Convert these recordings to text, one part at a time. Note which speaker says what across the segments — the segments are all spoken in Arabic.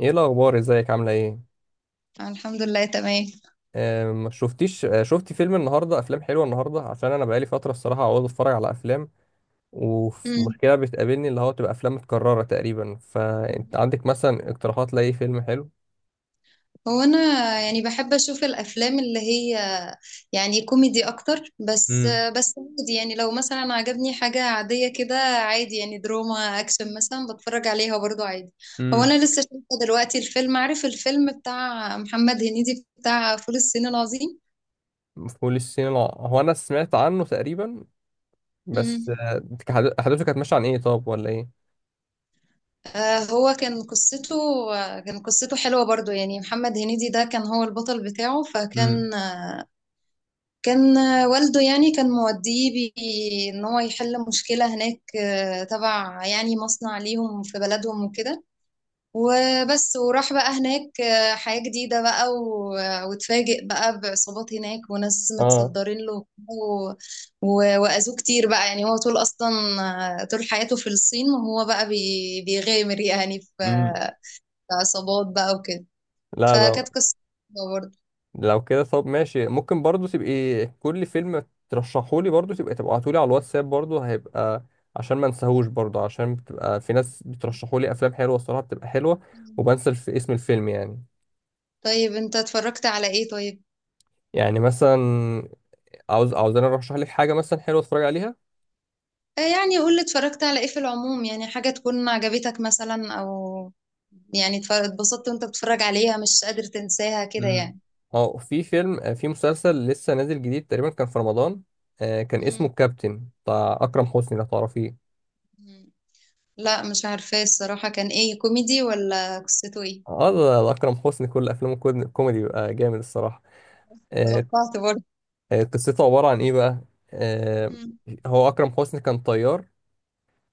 Speaker 1: ايه الاخبار، ازيك، عامله ايه؟
Speaker 2: أنا الحمد لله تمام.
Speaker 1: ما شفتيش، شفتي فيلم النهارده؟ افلام حلوه النهارده، عشان انا بقالي فتره الصراحه عاوز اتفرج على افلام.
Speaker 2: مم.
Speaker 1: ومشكله بتقابلني اللي هو تبقى افلام متكرره تقريبا. فانت عندك مثلا اقتراحات لاي فيلم حلو؟
Speaker 2: انا بحب اشوف الافلام اللي هي كوميدي اكتر. بس
Speaker 1: امم
Speaker 2: عادي، يعني لو مثلا عجبني حاجة عادية كده، عادي يعني دراما اكشن مثلا بتفرج عليها برضو عادي.
Speaker 1: امم
Speaker 2: انا لسه شايفة دلوقتي الفيلم، عارف الفيلم بتاع محمد هنيدي بتاع فول الصين العظيم؟
Speaker 1: هو انا سمعت عنه تقريبا، بس
Speaker 2: مم.
Speaker 1: احداثه كانت ماشيه عن ايه طب ولا ايه؟
Speaker 2: آه، هو كان قصته آه، كان قصته حلوة برضو. يعني محمد هنيدي ده كان هو البطل بتاعه.
Speaker 1: امم،
Speaker 2: فكان كان والده كان موديه ان هو يحل مشكلة هناك، تبع يعني مصنع ليهم في بلدهم وكده. وبس وراح بقى هناك، حياة جديدة بقى واتفاجئ بقى بعصابات هناك وناس
Speaker 1: اه،
Speaker 2: متصدرين له وأذوه كتير بقى. يعني هو طول أصلا طول حياته في الصين، وهو بقى بيغامر يعني في
Speaker 1: امم،
Speaker 2: في عصابات بقى وكده.
Speaker 1: لا لا
Speaker 2: فكانت قصة برضه.
Speaker 1: لو كده طب ماشي، ممكن برضو تبقي كل فيلم ترشحولي برضو تبقي تبعتولي على الواتساب، برضو هيبقى عشان ما انساهوش، برضو عشان بتبقى في ناس بترشحولي افلام حلوه الصراحه، بتبقى حلوه وبنسى في اسم الفيلم يعني.
Speaker 2: طيب انت اتفرجت على ايه طيب؟
Speaker 1: يعني مثلا عاوز انا ارشح لك حاجه مثلا حلوه اتفرج عليها.
Speaker 2: يعني قول لي اتفرجت على ايه في العموم، يعني حاجة تكون عجبتك مثلا او يعني اتبسطت وانت بتتفرج عليها، مش قادر تنساها كده
Speaker 1: امم.
Speaker 2: يعني.
Speaker 1: اه في فيلم، في مسلسل لسه نازل جديد تقريبا، كان في رمضان. كان اسمه
Speaker 2: مم.
Speaker 1: الكابتن بتاع اكرم حسني لو تعرفيه.
Speaker 2: مم. لا مش عارفة الصراحة كان ايه، كوميدي ولا قصته ايه؟
Speaker 1: اه ده اكرم حسني كل افلامه كوميدي، بيبقى جامد الصراحه. آه،
Speaker 2: توقعت برضه.
Speaker 1: قصته عبارة عن إيه بقى؟ آه،
Speaker 2: مم.
Speaker 1: هو أكرم حسني كان طيار.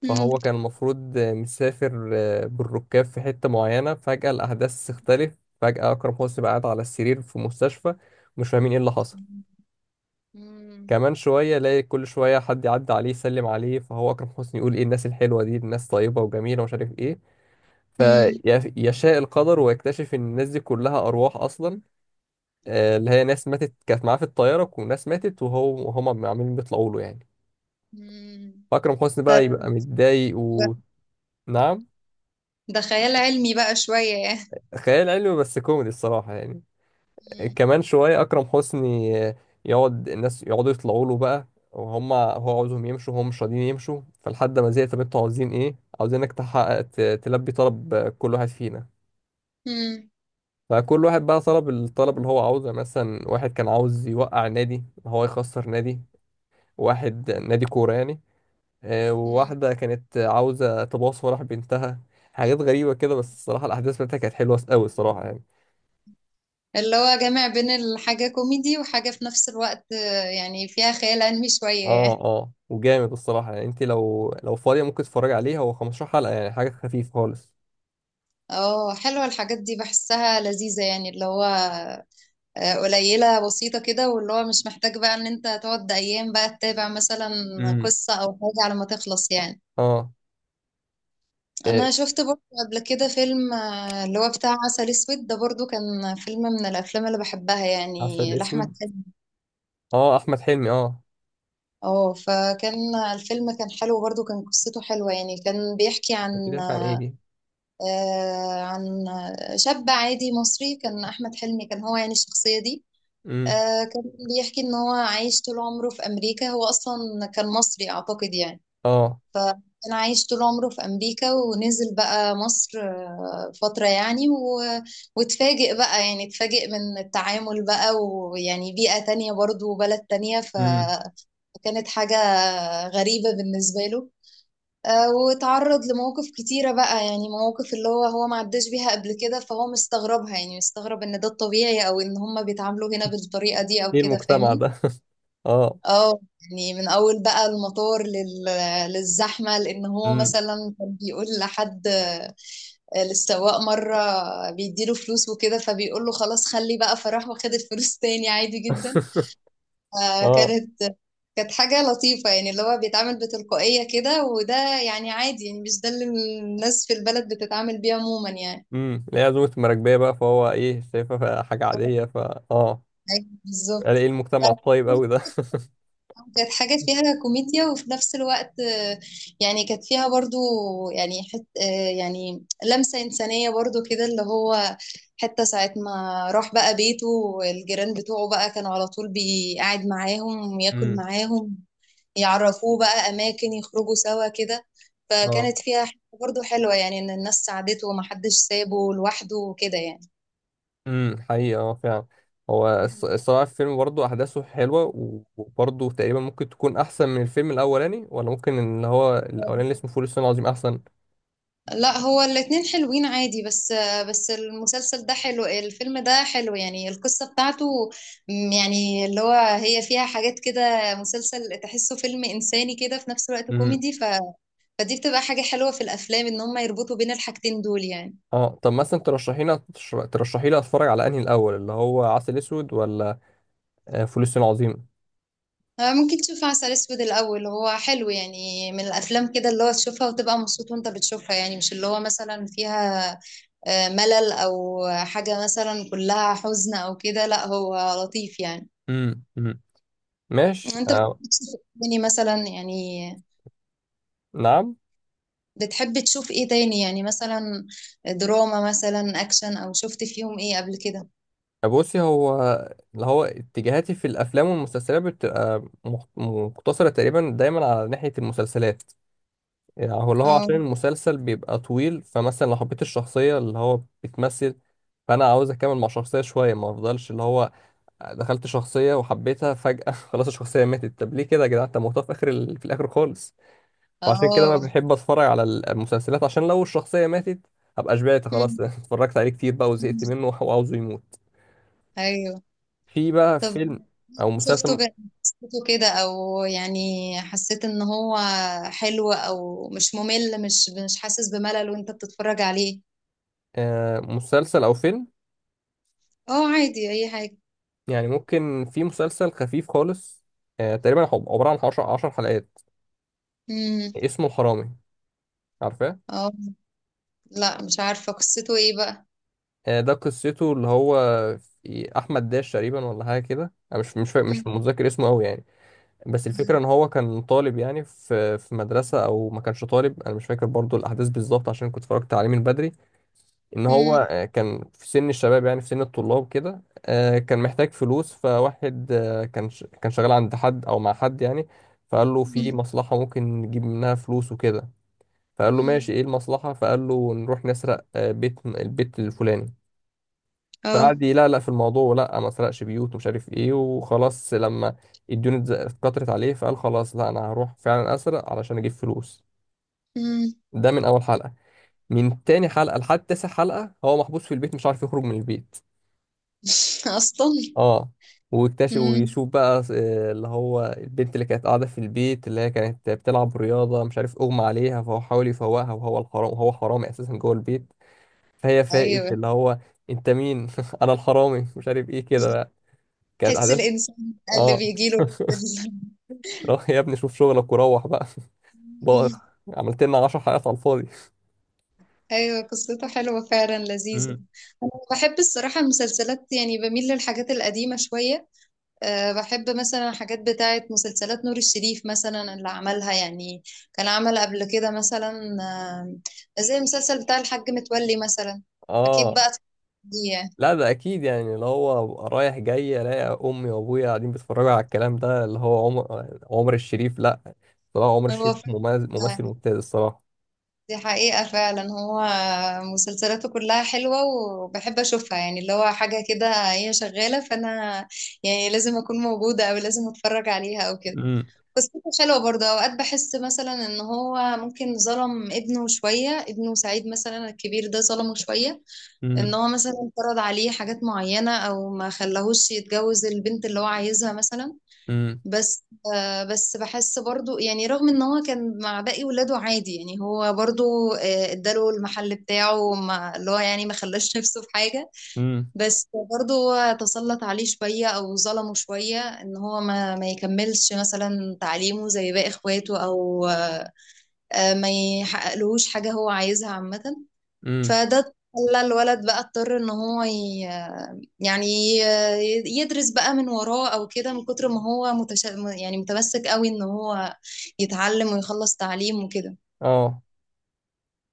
Speaker 2: مم.
Speaker 1: فهو كان المفروض مسافر بالركاب في حتة معينة. فجأة الأحداث تختلف، فجأة أكرم حسني بقى قاعد على السرير في مستشفى، مش فاهمين إيه اللي حصل.
Speaker 2: مم.
Speaker 1: كمان شوية الاقي كل شوية حد يعدي عليه يسلم عليه، فهو أكرم حسني يقول إيه الناس الحلوة دي، الناس طيبة وجميلة ومش عارف إيه.
Speaker 2: مم.
Speaker 1: فيشاء القدر ويكتشف إن الناس دي كلها أرواح أصلا، اللي هي ناس ماتت كانت معاه في الطيارة، وناس ماتت وهو وهما عمالين بيطلعوا له يعني.
Speaker 2: مم.
Speaker 1: أكرم حسني
Speaker 2: ده
Speaker 1: بقى يبقى متضايق. ونعم.
Speaker 2: ده خيال علمي بقى شوية يعني.
Speaker 1: خيال علمي بس كوميدي الصراحة يعني.
Speaker 2: مم.
Speaker 1: كمان شوية أكرم حسني يقعد الناس يقعدوا يطلعوا له بقى، وهم هو عاوزهم يمشوا هم مش راضيين يمشوا. فلحد ما زهق طب انتوا عاوزين ايه؟ عاوزينك تحقق تلبي طلب كل واحد فينا.
Speaker 2: مم.
Speaker 1: فكل واحد بقى طلب الطلب اللي هو عاوزه يعني. مثلا واحد كان عاوز يوقع نادي، هو يخسر نادي، واحد نادي كورة يعني.
Speaker 2: مم.
Speaker 1: وواحدة كانت عاوزة تباص وراح بنتها، حاجات غريبة كده. بس الصراحة الأحداث بتاعتها كانت حلوة أوي الصراحة يعني.
Speaker 2: اللي هو جامع بين الحاجة كوميدي وحاجة في نفس الوقت، يعني فيها خيال علمي شوية
Speaker 1: اه
Speaker 2: يعني.
Speaker 1: اه وجامد الصراحة يعني. انت لو فاضية ممكن تتفرج عليه، هو 15 حلقة، يعني حاجة خفيفة خالص.
Speaker 2: اه حلوة الحاجات دي، بحسها لذيذة يعني. اللي هو قليلة بسيطة كده، واللي هو مش محتاج بقى ان انت تقعد ايام بقى تتابع مثلا
Speaker 1: امم.
Speaker 2: قصة او حاجة على ما تخلص يعني.
Speaker 1: اه. إيه.
Speaker 2: انا شفت برضه قبل كده فيلم اللي هو بتاع عسل اسود. ده برضه كان فيلم من الافلام اللي بحبها،
Speaker 1: عسل
Speaker 2: يعني لاحمد
Speaker 1: اسود.
Speaker 2: حلمي.
Speaker 1: اه احمد حلمي اه.
Speaker 2: اه فكان الفيلم كان حلو برضه، كان قصته حلوة. يعني كان بيحكي عن
Speaker 1: بتحكي عن ايه دي؟
Speaker 2: عن شاب عادي مصري. كان احمد حلمي كان هو يعني الشخصية دي.
Speaker 1: امم.
Speaker 2: آه كان بيحكي ان هو عايش طول عمره في امريكا، هو اصلا كان مصري اعتقد يعني.
Speaker 1: اه.
Speaker 2: كان عايش طول عمره في امريكا ونزل بقى مصر فترة يعني واتفاجئ بقى. يعني اتفاجئ من التعامل بقى ويعني بيئة تانية برضو وبلد تانية
Speaker 1: امم.
Speaker 2: فكانت حاجة غريبة بالنسبة له. واتعرض لمواقف كتيرة بقى، يعني مواقف اللي هو ما عداش بيها قبل كده، فهو مستغربها. يعني مستغرب ان ده الطبيعي او ان هما بيتعاملوا هنا بالطريقة دي او
Speaker 1: ايه
Speaker 2: كده،
Speaker 1: المجتمع
Speaker 2: فاهمني.
Speaker 1: ده؟ اه.
Speaker 2: اه يعني من اول بقى المطار للزحمه. لان هو
Speaker 1: امم.
Speaker 2: مثلا كان بيقول لحد للسواق مره بيديله فلوس وكده، فبيقول له خلاص خلي بقى، فراح واخد الفلوس تاني عادي جدا.
Speaker 1: اه.
Speaker 2: فكانت حاجه لطيفه، يعني اللي هو بيتعامل بتلقائيه كده، وده يعني عادي. يعني مش ده اللي الناس في البلد بتتعامل بيه عموما يعني.
Speaker 1: اللي هي عزومة المراكبية بقى، فهو ايه شايفها حاجة عادية فا اه.
Speaker 2: أيوة،
Speaker 1: قال
Speaker 2: بالظبط.
Speaker 1: ايه المجتمع الطيب قوي ده؟
Speaker 2: كانت حاجة فيها كوميديا، وفي نفس الوقت يعني كانت فيها برضو يعني حت آه، يعني لمسة إنسانية برضو كده. اللي هو حتى ساعة ما راح بقى بيته، والجيران بتوعه بقى كانوا على طول بيقعد معاهم ياكل
Speaker 1: امم.
Speaker 2: معاهم، يعرفوه بقى أماكن يخرجوا سوا كده.
Speaker 1: اه.
Speaker 2: فكانت فيها حتة برضو حلوة، يعني إن الناس ساعدته ومحدش سابه لوحده وكده يعني.
Speaker 1: حقيقة اه فعلا. هو الصراحة الفيلم برضه أحداثه حلوة، وبرضه تقريبا ممكن تكون أحسن من الفيلم الأولاني، ولا ممكن اللي هو الأولاني اللي اسمه فول الصين العظيم أحسن؟
Speaker 2: لا هو الاتنين حلوين عادي. بس المسلسل ده حلو، الفيلم ده حلو. يعني القصة بتاعته يعني اللي هو هي فيها حاجات كده، مسلسل تحسه فيلم إنساني كده في نفس الوقت
Speaker 1: امم.
Speaker 2: كوميدي فدي بتبقى حاجة حلوة في الأفلام، إن هم يربطوا بين الحاجتين دول يعني.
Speaker 1: اه طب مثلا ترشحي لي ترشحي لي أتفرج على أنهي الأول، اللي هو عسل أسود ولا فول الصين العظيم؟
Speaker 2: ممكن تشوف عسل أسود الأول، هو حلو. يعني من الأفلام كده اللي هو تشوفها وتبقى مبسوط وأنت بتشوفها، يعني مش اللي هو مثلا فيها ملل أو حاجة مثلا كلها حزن أو كده. لا هو لطيف يعني.
Speaker 1: امم. امم. ماشي
Speaker 2: انت بتحب
Speaker 1: آه.
Speaker 2: تشوف إيه تاني مثلا يعني؟
Speaker 1: نعم.
Speaker 2: بتحب تشوف ايه تاني يعني؟ مثلا دراما مثلا اكشن، او شفت فيهم ايه قبل كده؟
Speaker 1: بصي هو اللي هو اتجاهاتي في الأفلام والمسلسلات بتبقى مقتصرة تقريبا دايما على ناحية المسلسلات. يعني هو اللي هو
Speaker 2: اه
Speaker 1: عشان المسلسل بيبقى طويل، فمثلا لو حبيت الشخصية اللي هو بتمثل، فأنا عاوز أكمل مع شخصية شوية، ما أفضلش اللي هو دخلت شخصية وحبيتها فجأة خلاص الشخصية ماتت، طب ليه كده يا جدعان، أنت موتها في آخر ال... في الآخر خالص. وعشان كده ما
Speaker 2: اه.
Speaker 1: بحب أتفرج على المسلسلات عشان لو الشخصية ماتت أبقى شبعت
Speaker 2: مم.
Speaker 1: خلاص، اتفرجت عليه كتير بقى وزهقت منه وعاوزه يموت.
Speaker 2: ايوو.
Speaker 1: في بقى
Speaker 2: طب
Speaker 1: فيلم أو
Speaker 2: شفته
Speaker 1: مسلسل.
Speaker 2: ك- شفته كده او يعني حسيت ان هو حلو او مش ممل، مش حاسس بملل وانت بتتفرج عليه؟
Speaker 1: آه مسلسل أو فيلم.
Speaker 2: اه عادي اي حاجة.
Speaker 1: يعني ممكن في مسلسل خفيف خالص، آه تقريبا هو عبارة عن 10 حلقات،
Speaker 2: امم.
Speaker 1: اسمه الحرامي، عارفاه؟
Speaker 2: اه لا مش عارفة قصته ايه بقى.
Speaker 1: ده قصته اللي هو في احمد داش تقريبا ولا حاجه كده، انا مش
Speaker 2: امم.
Speaker 1: متذكر اسمه قوي يعني. بس الفكره ان هو كان طالب يعني، في مدرسه او ما كانش طالب، انا مش فاكر برضو الاحداث بالظبط عشان كنت اتفرجت عليه من بدري. ان
Speaker 2: امم.
Speaker 1: هو كان في سن الشباب، يعني في سن الطلاب كده. كان محتاج فلوس فواحد كان شغال عند حد او مع حد يعني. فقال له في مصلحه ممكن نجيب منها فلوس وكده. فقال له
Speaker 2: امم.
Speaker 1: ماشي ايه المصلحة؟ فقال له نروح نسرق آه، بيت البيت الفلاني. فقعد يلقلق في الموضوع، لا ما سرقش بيوت ومش عارف ايه. وخلاص لما الديون اتكترت عليه، فقال خلاص لا انا هروح فعلا اسرق علشان اجيب فلوس.
Speaker 2: اه.
Speaker 1: ده من اول حلقة. من تاني حلقة لحد تاسع حلقة هو محبوس في البيت مش عارف يخرج من البيت.
Speaker 2: أصلا.
Speaker 1: اه. ويكتشف
Speaker 2: امم.
Speaker 1: ويشوف بقى اللي هو البنت اللي كانت قاعدة في البيت، اللي هي كانت بتلعب رياضة، مش عارف اغمى عليها، فهو حاول يفوقها وهو الحرام، وهو حرامي اساسا جوه البيت. فهي فاقت
Speaker 2: أيوه
Speaker 1: اللي هو انت مين؟ انا الحرامي مش عارف ايه كده بقى. كانت
Speaker 2: تحس
Speaker 1: احداث.
Speaker 2: الإنسان اللي
Speaker 1: اه
Speaker 2: بيجيله
Speaker 1: روح يا ابني شوف شغلك وروح بقى بقى عملت لنا 10 حلقات على الفاضي.
Speaker 2: أيوه قصته حلوة فعلا لذيذة.
Speaker 1: امم.
Speaker 2: أنا بحب الصراحة المسلسلات، يعني بميل للحاجات القديمة شوية. أه بحب مثلا حاجات بتاعة مسلسلات نور الشريف مثلا اللي عملها يعني. كان عمل قبل كده مثلا زي المسلسل بتاع الحاج متولي مثلا. أكيد
Speaker 1: اه
Speaker 2: بقى دي يعني.
Speaker 1: لا ده اكيد، يعني اللي هو أبقى رايح جاي الاقي امي وابويا قاعدين بيتفرجوا على الكلام ده اللي هو عمر الشريف. لا طلع عمر الشريف
Speaker 2: هو
Speaker 1: ممثل
Speaker 2: فعلا،
Speaker 1: ممتاز الصراحه.
Speaker 2: دي حقيقة فعلا. هو مسلسلاته كلها حلوة وبحب أشوفها، يعني اللي هو حاجة كده هي شغالة فأنا يعني لازم أكون موجودة أو لازم أتفرج عليها أو كده.
Speaker 1: امم.
Speaker 2: قصته حلوة برضه. أوقات بحس مثلا إن هو ممكن ظلم ابنه شوية، ابنه سعيد مثلا الكبير ده ظلمه شوية. إن
Speaker 1: امم.
Speaker 2: هو مثلا فرض عليه حاجات معينة أو ما خلاهوش يتجوز البنت اللي هو عايزها مثلا. بس بحس برضو يعني رغم ان هو كان مع باقي ولاده عادي. يعني هو برضو اداله المحل بتاعه، ما اللي هو يعني ما خلاش نفسه في حاجة.
Speaker 1: امم.
Speaker 2: بس برضو هو تسلط عليه شوية او ظلمه شوية، ان هو ما يكملش مثلا تعليمه زي باقي اخواته او ما يحققلهوش حاجة هو عايزها عامة.
Speaker 1: امم.
Speaker 2: فده خلى الولد بقى اضطر ان يعني يدرس بقى من وراه او كده، من كتر ما هو يعني متمسك قوي ان هو يتعلم ويخلص تعليم وكده.
Speaker 1: اه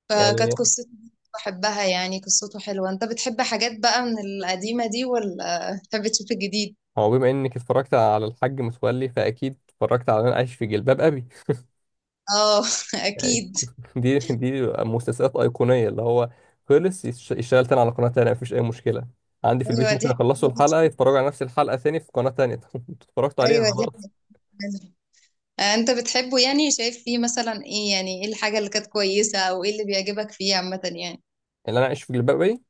Speaker 2: فكانت
Speaker 1: يعني
Speaker 2: قصته دي بحبها يعني، قصته حلوة. انت بتحب حاجات بقى من القديمة دي ولا بتحب تشوف الجديد؟
Speaker 1: هو بما انك اتفرجت على الحاج متولي، فاكيد اتفرجت على انا عايش في جلباب ابي.
Speaker 2: اه.
Speaker 1: يعني
Speaker 2: اكيد.
Speaker 1: دي مسلسلات ايقونيه اللي هو خلص يشتغل تاني على قناه تانيه مفيش اي مشكله عندي في البيت،
Speaker 2: ايوه دي
Speaker 1: ممكن
Speaker 2: حاجة.
Speaker 1: اخلصوا الحلقه يتفرجوا على نفس الحلقه تاني في قناه تانيه اتفرجت عليها
Speaker 2: ايوه دي
Speaker 1: خلاص.
Speaker 2: حاجة. انت بتحبه يعني؟ شايف فيه مثلا ايه؟ يعني ايه الحاجة اللي كانت كويسة او ايه اللي بيعجبك فيه عامة يعني؟
Speaker 1: اللي انا عايش في جلباب ابي،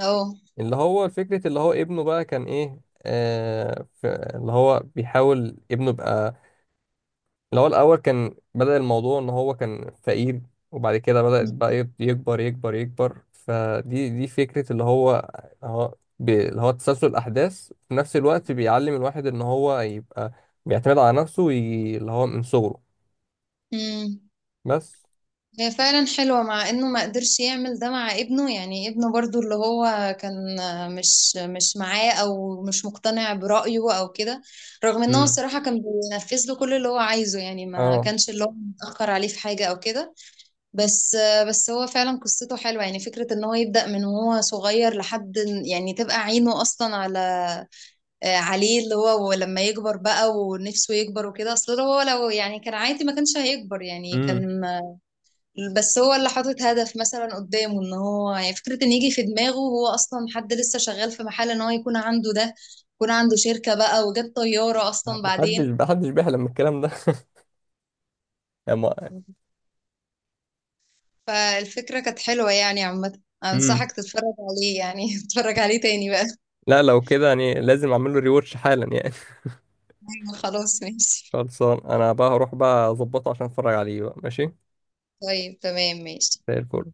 Speaker 2: اه.
Speaker 1: اللي هو فكره اللي هو ابنه بقى كان ايه. آه اللي هو بيحاول ابنه يبقى اللي هو الأول كان بدأ الموضوع إن هو كان فقير، وبعد كده بدأت بقى يكبر يكبر يكبر. فدي فكرة اللي هو هو اللي هو تسلسل الأحداث في نفس الوقت، بيعلم الواحد إن هو يبقى بيعتمد على نفسه وي... اللي هو من صغره.
Speaker 2: امم.
Speaker 1: بس.
Speaker 2: هي فعلا حلوة، مع انه ما قدرش يعمل ده مع ابنه. يعني ابنه برضو اللي هو كان مش معاه او مش مقتنع برأيه او كده، رغم ان هو
Speaker 1: امم.
Speaker 2: الصراحة كان بينفذ له كل اللي هو عايزه. يعني ما
Speaker 1: اه.
Speaker 2: كانش اللي هو متأخر عليه في حاجة او كده. بس هو فعلا قصته حلوة. يعني فكرة ان هو يبدأ من وهو صغير لحد يعني تبقى عينه اصلا على عليه اللي هو لما يكبر بقى ونفسه يكبر وكده. اصل هو لو يعني كان عادي ما كانش هيكبر يعني
Speaker 1: امم.
Speaker 2: كان. بس هو اللي حاطط هدف مثلا قدامه، ان هو يعني فكرة ان يجي في دماغه، هو اصلا حد لسه شغال في محل، ان هو يكون عنده ده، يكون عنده شركة بقى وجاب طيارة اصلا
Speaker 1: محدش
Speaker 2: بعدين.
Speaker 1: محدش بيحلم من الكلام ده. أما-
Speaker 2: فالفكرة كانت حلوة يعني. عامة
Speaker 1: امم.
Speaker 2: انصحك تتفرج عليه يعني. تتفرج عليه تاني بقى.
Speaker 1: لا لو كده يعني لازم اعمل له ريواتش حالا يعني.
Speaker 2: أيوة، خلاص ماشي.
Speaker 1: خلصان انا بقى، هروح بقى اظبطه عشان اتفرج عليه بقى ماشي.
Speaker 2: طيب تمام ماشي.
Speaker 1: زي الفل.